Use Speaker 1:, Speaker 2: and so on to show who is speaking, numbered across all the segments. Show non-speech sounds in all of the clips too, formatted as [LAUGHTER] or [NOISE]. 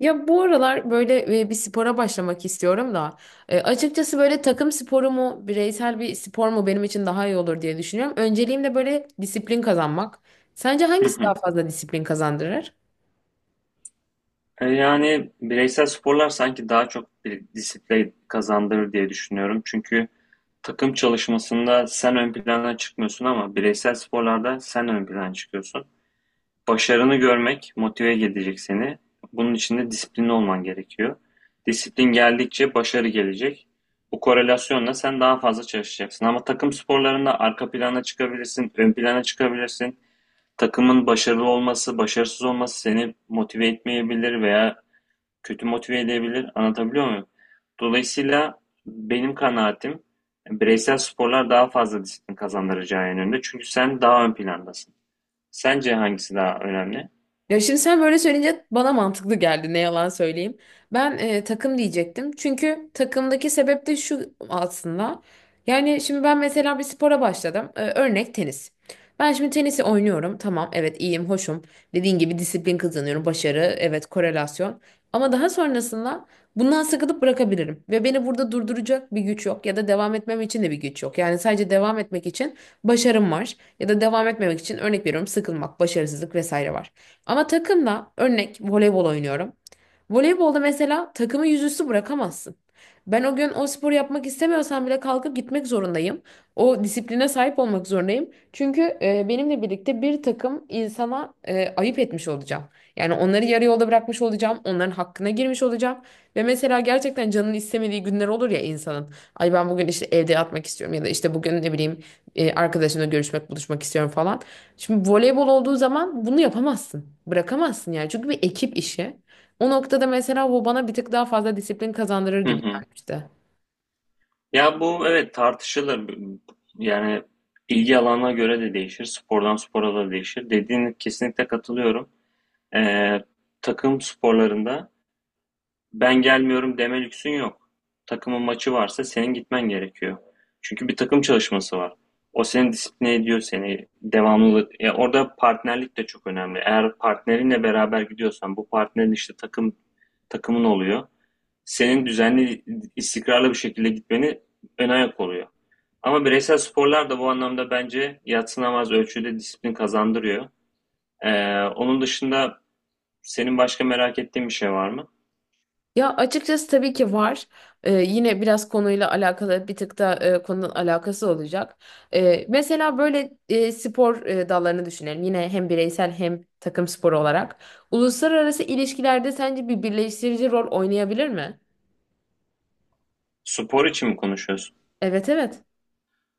Speaker 1: Ya bu aralar böyle bir spora başlamak istiyorum da açıkçası böyle takım sporu mu bireysel bir spor mu benim için daha iyi olur diye düşünüyorum. Önceliğim de böyle disiplin kazanmak. Sence
Speaker 2: Hı
Speaker 1: hangisi
Speaker 2: hı.
Speaker 1: daha fazla disiplin kazandırır?
Speaker 2: Yani bireysel sporlar sanki daha çok bir disiplin kazandırır diye düşünüyorum. Çünkü takım çalışmasında sen ön plana çıkmıyorsun ama bireysel sporlarda sen ön plana çıkıyorsun. Başarını görmek motive edecek seni. Bunun için de disiplinli olman gerekiyor. Disiplin geldikçe başarı gelecek. Bu korelasyonla sen daha fazla çalışacaksın. Ama takım sporlarında arka plana çıkabilirsin, ön plana çıkabilirsin. Takımın başarılı olması, başarısız olması seni motive etmeyebilir veya kötü motive edebilir. Anlatabiliyor muyum? Dolayısıyla benim kanaatim bireysel sporlar daha fazla disiplin kazandıracağı yönünde. Çünkü sen daha ön plandasın. Sence hangisi daha önemli?
Speaker 1: Ya şimdi sen böyle söyleyince bana mantıklı geldi, ne yalan söyleyeyim. Ben takım diyecektim. Çünkü takımdaki sebep de şu aslında. Yani şimdi ben mesela bir spora başladım. E, örnek tenis. Ben şimdi tenisi oynuyorum. Tamam, evet, iyiyim hoşum. Dediğin gibi disiplin kazanıyorum. Başarı, evet, korelasyon. Ama daha sonrasında bundan sıkılıp bırakabilirim. Ve beni burada durduracak bir güç yok. Ya da devam etmem için de bir güç yok. Yani sadece devam etmek için başarım var. Ya da devam etmemek için, örnek veriyorum, sıkılmak, başarısızlık vesaire var. Ama takımla örnek voleybol oynuyorum. Voleybolda mesela takımı yüzüstü bırakamazsın. Ben o gün o sporu yapmak istemiyorsam bile kalkıp gitmek zorundayım. O disipline sahip olmak zorundayım. Çünkü benimle birlikte bir takım insana ayıp etmiş olacağım. Yani onları yarı yolda bırakmış olacağım. Onların hakkına girmiş olacağım. Ve mesela gerçekten canın istemediği günler olur ya insanın. Ay, ben bugün işte evde yatmak istiyorum, ya da işte bugün, ne bileyim, arkadaşımla görüşmek, buluşmak istiyorum falan. Şimdi voleybol olduğu zaman bunu yapamazsın. Bırakamazsın yani. Çünkü bir ekip işi. O noktada mesela bu bana bir tık daha fazla disiplin kazandırır
Speaker 2: Hı
Speaker 1: gibi
Speaker 2: hı.
Speaker 1: gelmişti.
Speaker 2: Ya bu evet tartışılır. Yani ilgi alanına göre de değişir. Spordan spora da değişir. Dediğine kesinlikle katılıyorum. Ee, Takım sporlarında ben gelmiyorum deme lüksün yok. Takımın maçı varsa senin gitmen gerekiyor. Çünkü bir takım çalışması var. O seni disipline ediyor seni devamlı. Ya orada partnerlik de çok önemli. Eğer partnerinle beraber gidiyorsan bu partnerin işte takımın oluyor. Senin düzenli istikrarlı bir şekilde gitmeni ön ayak oluyor. Ama bireysel sporlar da bu anlamda bence yadsınamaz ölçüde disiplin kazandırıyor. Onun dışında senin başka merak ettiğin bir şey var mı?
Speaker 1: Ya açıkçası tabii ki var. Yine biraz konuyla alakalı bir tık da konunun alakası olacak. Mesela böyle spor dallarını düşünelim. Yine hem bireysel hem takım sporu olarak. Uluslararası ilişkilerde sence bir birleştirici rol oynayabilir mi?
Speaker 2: Spor için mi konuşuyorsun?
Speaker 1: Evet, evet.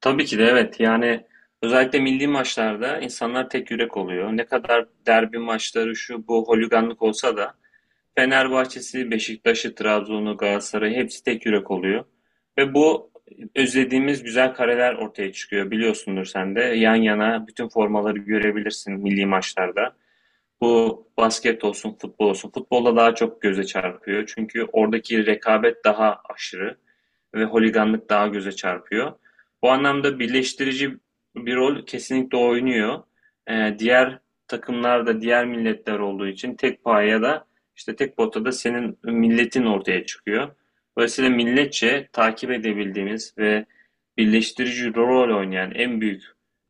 Speaker 2: Tabii ki de evet. Yani özellikle milli maçlarda insanlar tek yürek oluyor. Ne kadar derbi maçları şu bu holiganlık olsa da Fenerbahçe'si, Beşiktaş'ı, Trabzon'u, Galatasaray'ı hepsi tek yürek oluyor. Ve bu özlediğimiz güzel kareler ortaya çıkıyor. Biliyorsundur sen de yan yana bütün formaları görebilirsin milli maçlarda. Bu basket olsun, futbol olsun. Futbolda daha çok göze çarpıyor. Çünkü oradaki rekabet daha aşırı ve holiganlık daha göze çarpıyor. Bu anlamda birleştirici bir rol kesinlikle oynuyor. Diğer takımlarda, diğer milletler olduğu için tek paya da işte tek potada da senin milletin ortaya çıkıyor. Dolayısıyla milletçe takip edebildiğimiz ve birleştirici rol oynayan en büyük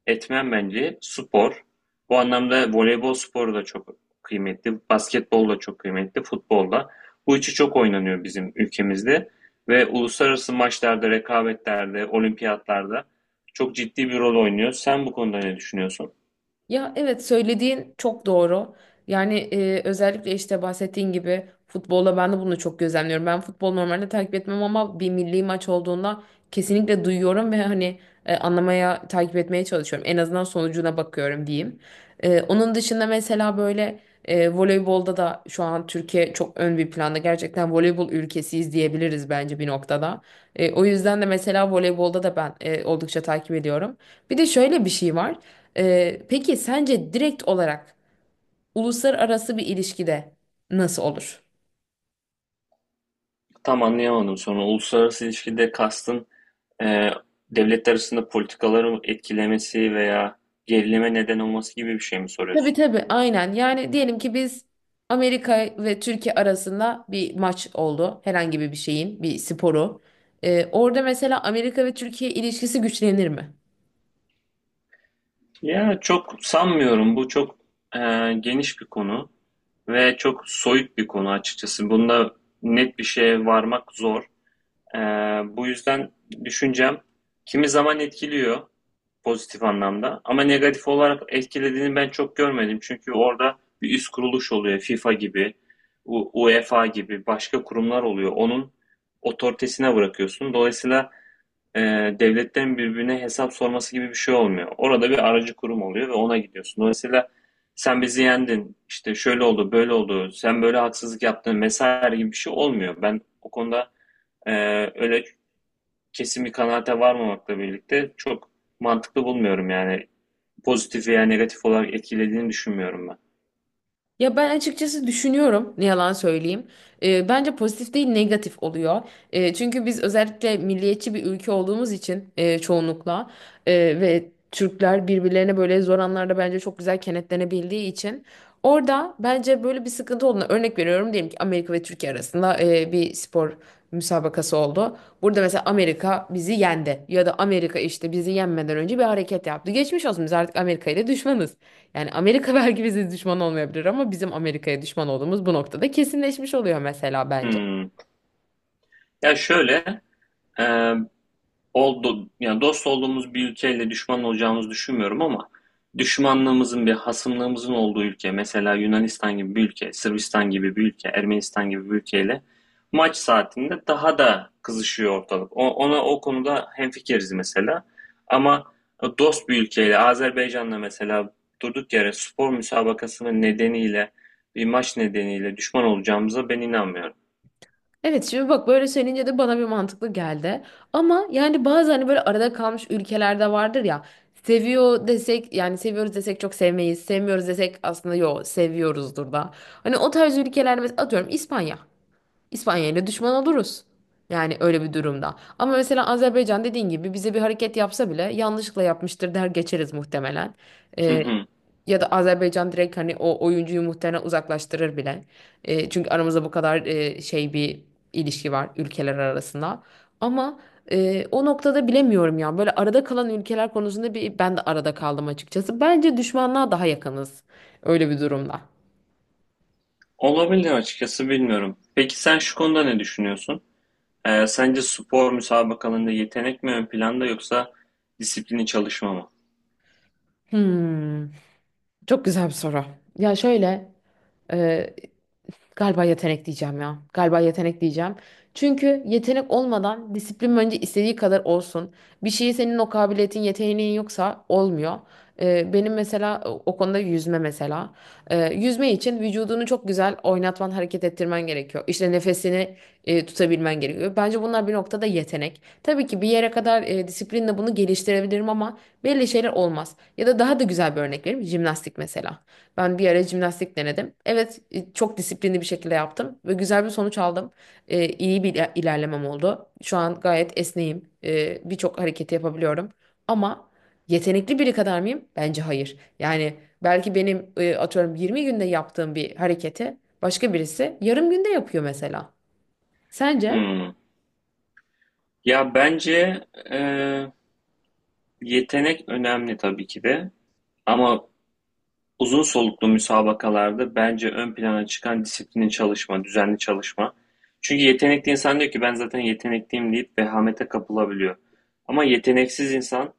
Speaker 2: etmen bence spor. Bu anlamda voleybol sporu da çok kıymetli, basketbol da çok kıymetli, futbol da. Bu üçü çok oynanıyor bizim ülkemizde ve uluslararası maçlarda, rekabetlerde, olimpiyatlarda çok ciddi bir rol oynuyor. Sen bu konuda ne düşünüyorsun?
Speaker 1: Ya evet, söylediğin çok doğru. Yani özellikle işte bahsettiğin gibi futbolla ben de bunu çok gözlemliyorum. Ben futbol normalde takip etmem ama bir milli maç olduğunda kesinlikle duyuyorum ve hani anlamaya, takip etmeye çalışıyorum. En azından sonucuna bakıyorum diyeyim. Onun dışında mesela böyle voleybolda da şu an Türkiye çok ön bir planda. Gerçekten voleybol ülkesiyiz diyebiliriz bence bir noktada. O yüzden de mesela voleybolda da ben oldukça takip ediyorum. Bir de şöyle bir şey var. Peki sence direkt olarak uluslararası bir ilişkide nasıl olur?
Speaker 2: Tam anlayamadım sonra. Uluslararası ilişkide kastın e, devletler arasında politikaları etkilemesi veya gerilime neden olması gibi bir şey mi
Speaker 1: Tabii,
Speaker 2: soruyorsun?
Speaker 1: tabii, aynen. Yani diyelim ki biz Amerika ve Türkiye arasında bir maç oldu. Herhangi bir şeyin, bir sporu. Orada mesela Amerika ve Türkiye ilişkisi güçlenir mi?
Speaker 2: Ya çok sanmıyorum. Bu çok e, geniş bir konu ve çok soyut bir konu açıkçası. Bunda net bir şeye varmak zor. E, Bu yüzden düşüncem kimi zaman etkiliyor pozitif anlamda ama negatif olarak etkilediğini ben çok görmedim. Çünkü orada bir üst kuruluş oluyor. FIFA gibi, UEFA gibi başka kurumlar oluyor. Onun otoritesine bırakıyorsun. Dolayısıyla e, devletten birbirine hesap sorması gibi bir şey olmuyor. Orada bir aracı kurum oluyor ve ona gidiyorsun. Dolayısıyla sen bizi yendin, işte şöyle oldu, böyle oldu, sen böyle haksızlık yaptın vesaire gibi bir şey olmuyor. Ben o konuda e, öyle kesin bir kanaate varmamakla birlikte çok mantıklı bulmuyorum yani. Pozitif veya negatif olarak etkilediğini düşünmüyorum ben.
Speaker 1: Ya ben açıkçası düşünüyorum, ne yalan söyleyeyim. Bence pozitif değil negatif oluyor. Çünkü biz özellikle milliyetçi bir ülke olduğumuz için çoğunlukla e, ve Türkler birbirlerine böyle zor anlarda bence çok güzel kenetlenebildiği için orada bence böyle bir sıkıntı olduğuna örnek veriyorum. Diyelim ki Amerika ve Türkiye arasında bir spor müsabakası oldu. Burada mesela Amerika bizi yendi ya da Amerika işte bizi yenmeden önce bir hareket yaptı. Geçmiş olsun, biz artık Amerika ile düşmanız. Yani Amerika [LAUGHS] belki bize düşman olmayabilir ama bizim Amerika'ya düşman olduğumuz bu noktada kesinleşmiş oluyor mesela bence.
Speaker 2: Hmm. Ya şöyle, e, oldu, yani dost olduğumuz bir ülkeyle düşman olacağımızı düşünmüyorum ama düşmanlığımızın bir hasımlığımızın olduğu ülke mesela Yunanistan gibi bir ülke, Sırbistan gibi bir ülke, Ermenistan gibi bir ülkeyle maç saatinde daha da kızışıyor ortalık. Ona o konuda hemfikiriz mesela. Ama dost bir ülkeyle Azerbaycan'la mesela durduk yere spor müsabakasının nedeniyle bir maç nedeniyle düşman olacağımıza ben inanmıyorum.
Speaker 1: Evet, şimdi bak böyle söyleyince de bana bir mantıklı geldi. Ama yani bazı, hani, böyle arada kalmış ülkelerde vardır ya. Seviyor desek, yani seviyoruz desek çok sevmeyiz. Sevmiyoruz desek aslında yo seviyoruzdur da. Hani o tarz ülkelerde mesela, atıyorum, İspanya. İspanya ile düşman oluruz. Yani öyle bir durumda. Ama mesela Azerbaycan dediğin gibi bize bir hareket yapsa bile yanlışlıkla yapmıştır der geçeriz muhtemelen.
Speaker 2: Hı
Speaker 1: Ee,
Speaker 2: hı.
Speaker 1: Ya da Azerbaycan direkt hani o oyuncuyu muhtemelen uzaklaştırır bile. Çünkü aramızda bu kadar şey bir ilişki var ülkeler arasında. Ama o noktada bilemiyorum ya. Böyle arada kalan ülkeler konusunda bir ben de arada kaldım açıkçası. Bence düşmanlığa daha yakınız öyle bir durumda.
Speaker 2: Olabilir açıkçası bilmiyorum. Peki sen şu konuda ne düşünüyorsun? Sence spor müsabakalarında yetenek mi ön planda yoksa disiplini çalışma mı?
Speaker 1: Hmm, çok güzel bir soru. Ya şöyle, e, galiba yetenek diyeceğim ya. Galiba yetenek diyeceğim. Çünkü yetenek olmadan disiplin bence istediği kadar olsun. Bir şeyi senin o kabiliyetin, yeteneğin yoksa olmuyor. Benim mesela o konuda yüzme mesela. Yüzme için vücudunu çok güzel oynatman, hareket ettirmen gerekiyor. İşte nefesini tutabilmen gerekiyor. Bence bunlar bir noktada yetenek. Tabii ki bir yere kadar disiplinle bunu geliştirebilirim ama belli şeyler olmaz. Ya da daha da güzel bir örnek vereyim. Jimnastik mesela. Ben bir ara jimnastik denedim. Evet, çok disiplinli bir şekilde yaptım ve güzel bir sonuç aldım. İyi bir ilerlemem oldu. Şu an gayet esneyim. Birçok hareketi yapabiliyorum. Ama yetenekli biri kadar mıyım? Bence hayır. Yani belki benim, atıyorum, 20 günde yaptığım bir hareketi başka birisi yarım günde yapıyor mesela. Sence?
Speaker 2: Hmm. Ya bence e, yetenek önemli tabii ki de ama uzun soluklu müsabakalarda bence ön plana çıkan disiplinin çalışma, düzenli çalışma. Çünkü yetenekli insan diyor ki ben zaten yetenekliyim deyip vehamete kapılabiliyor. Ama yeteneksiz insan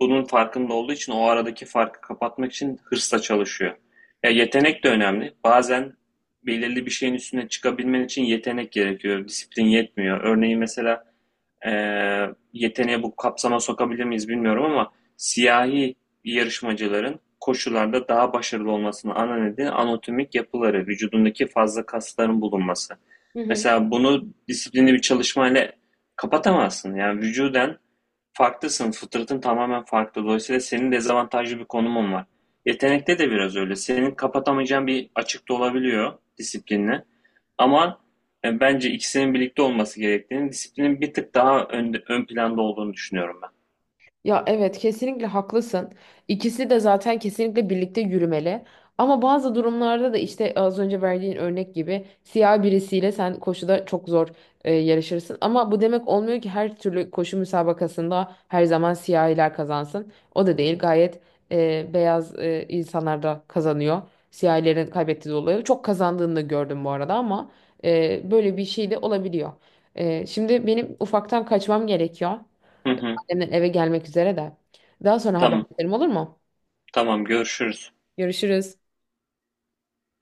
Speaker 2: bunun farkında olduğu için o aradaki farkı kapatmak için hırsla çalışıyor. Ya yetenek de önemli. Bazen belirli bir şeyin üstüne çıkabilmen için yetenek gerekiyor. Disiplin yetmiyor. Örneğin mesela e, yeteneği bu kapsama sokabilir miyiz bilmiyorum ama siyahi yarışmacıların koşularda daha başarılı olmasının ana nedeni anatomik yapıları, vücudundaki fazla kasların bulunması. Mesela bunu disiplinli bir çalışmayla kapatamazsın. Yani vücuden farklısın, fıtratın tamamen farklı. Dolayısıyla senin dezavantajlı bir konumun var. Yetenekte de biraz öyle. Senin kapatamayacağın bir açıkta olabiliyor disiplinle. Ama bence ikisinin birlikte olması gerektiğini, disiplinin bir tık daha ön planda olduğunu düşünüyorum ben.
Speaker 1: Ya evet, kesinlikle haklısın. İkisi de zaten kesinlikle birlikte yürümeli. Ama bazı durumlarda da işte az önce verdiğin örnek gibi siyah birisiyle sen koşuda çok zor yarışırsın. Ama bu demek olmuyor ki her türlü koşu müsabakasında her zaman siyahiler kazansın. O da değil, gayet beyaz insanlar da kazanıyor. Siyahilerin kaybettiği dolayı çok kazandığını da gördüm bu arada ama böyle bir şey de olabiliyor. Şimdi benim ufaktan kaçmam gerekiyor.
Speaker 2: Hı hı.
Speaker 1: Annemler eve gelmek üzere de. Daha sonra haber
Speaker 2: Tamam,
Speaker 1: ederim, olur mu?
Speaker 2: tamam görüşürüz.
Speaker 1: Görüşürüz.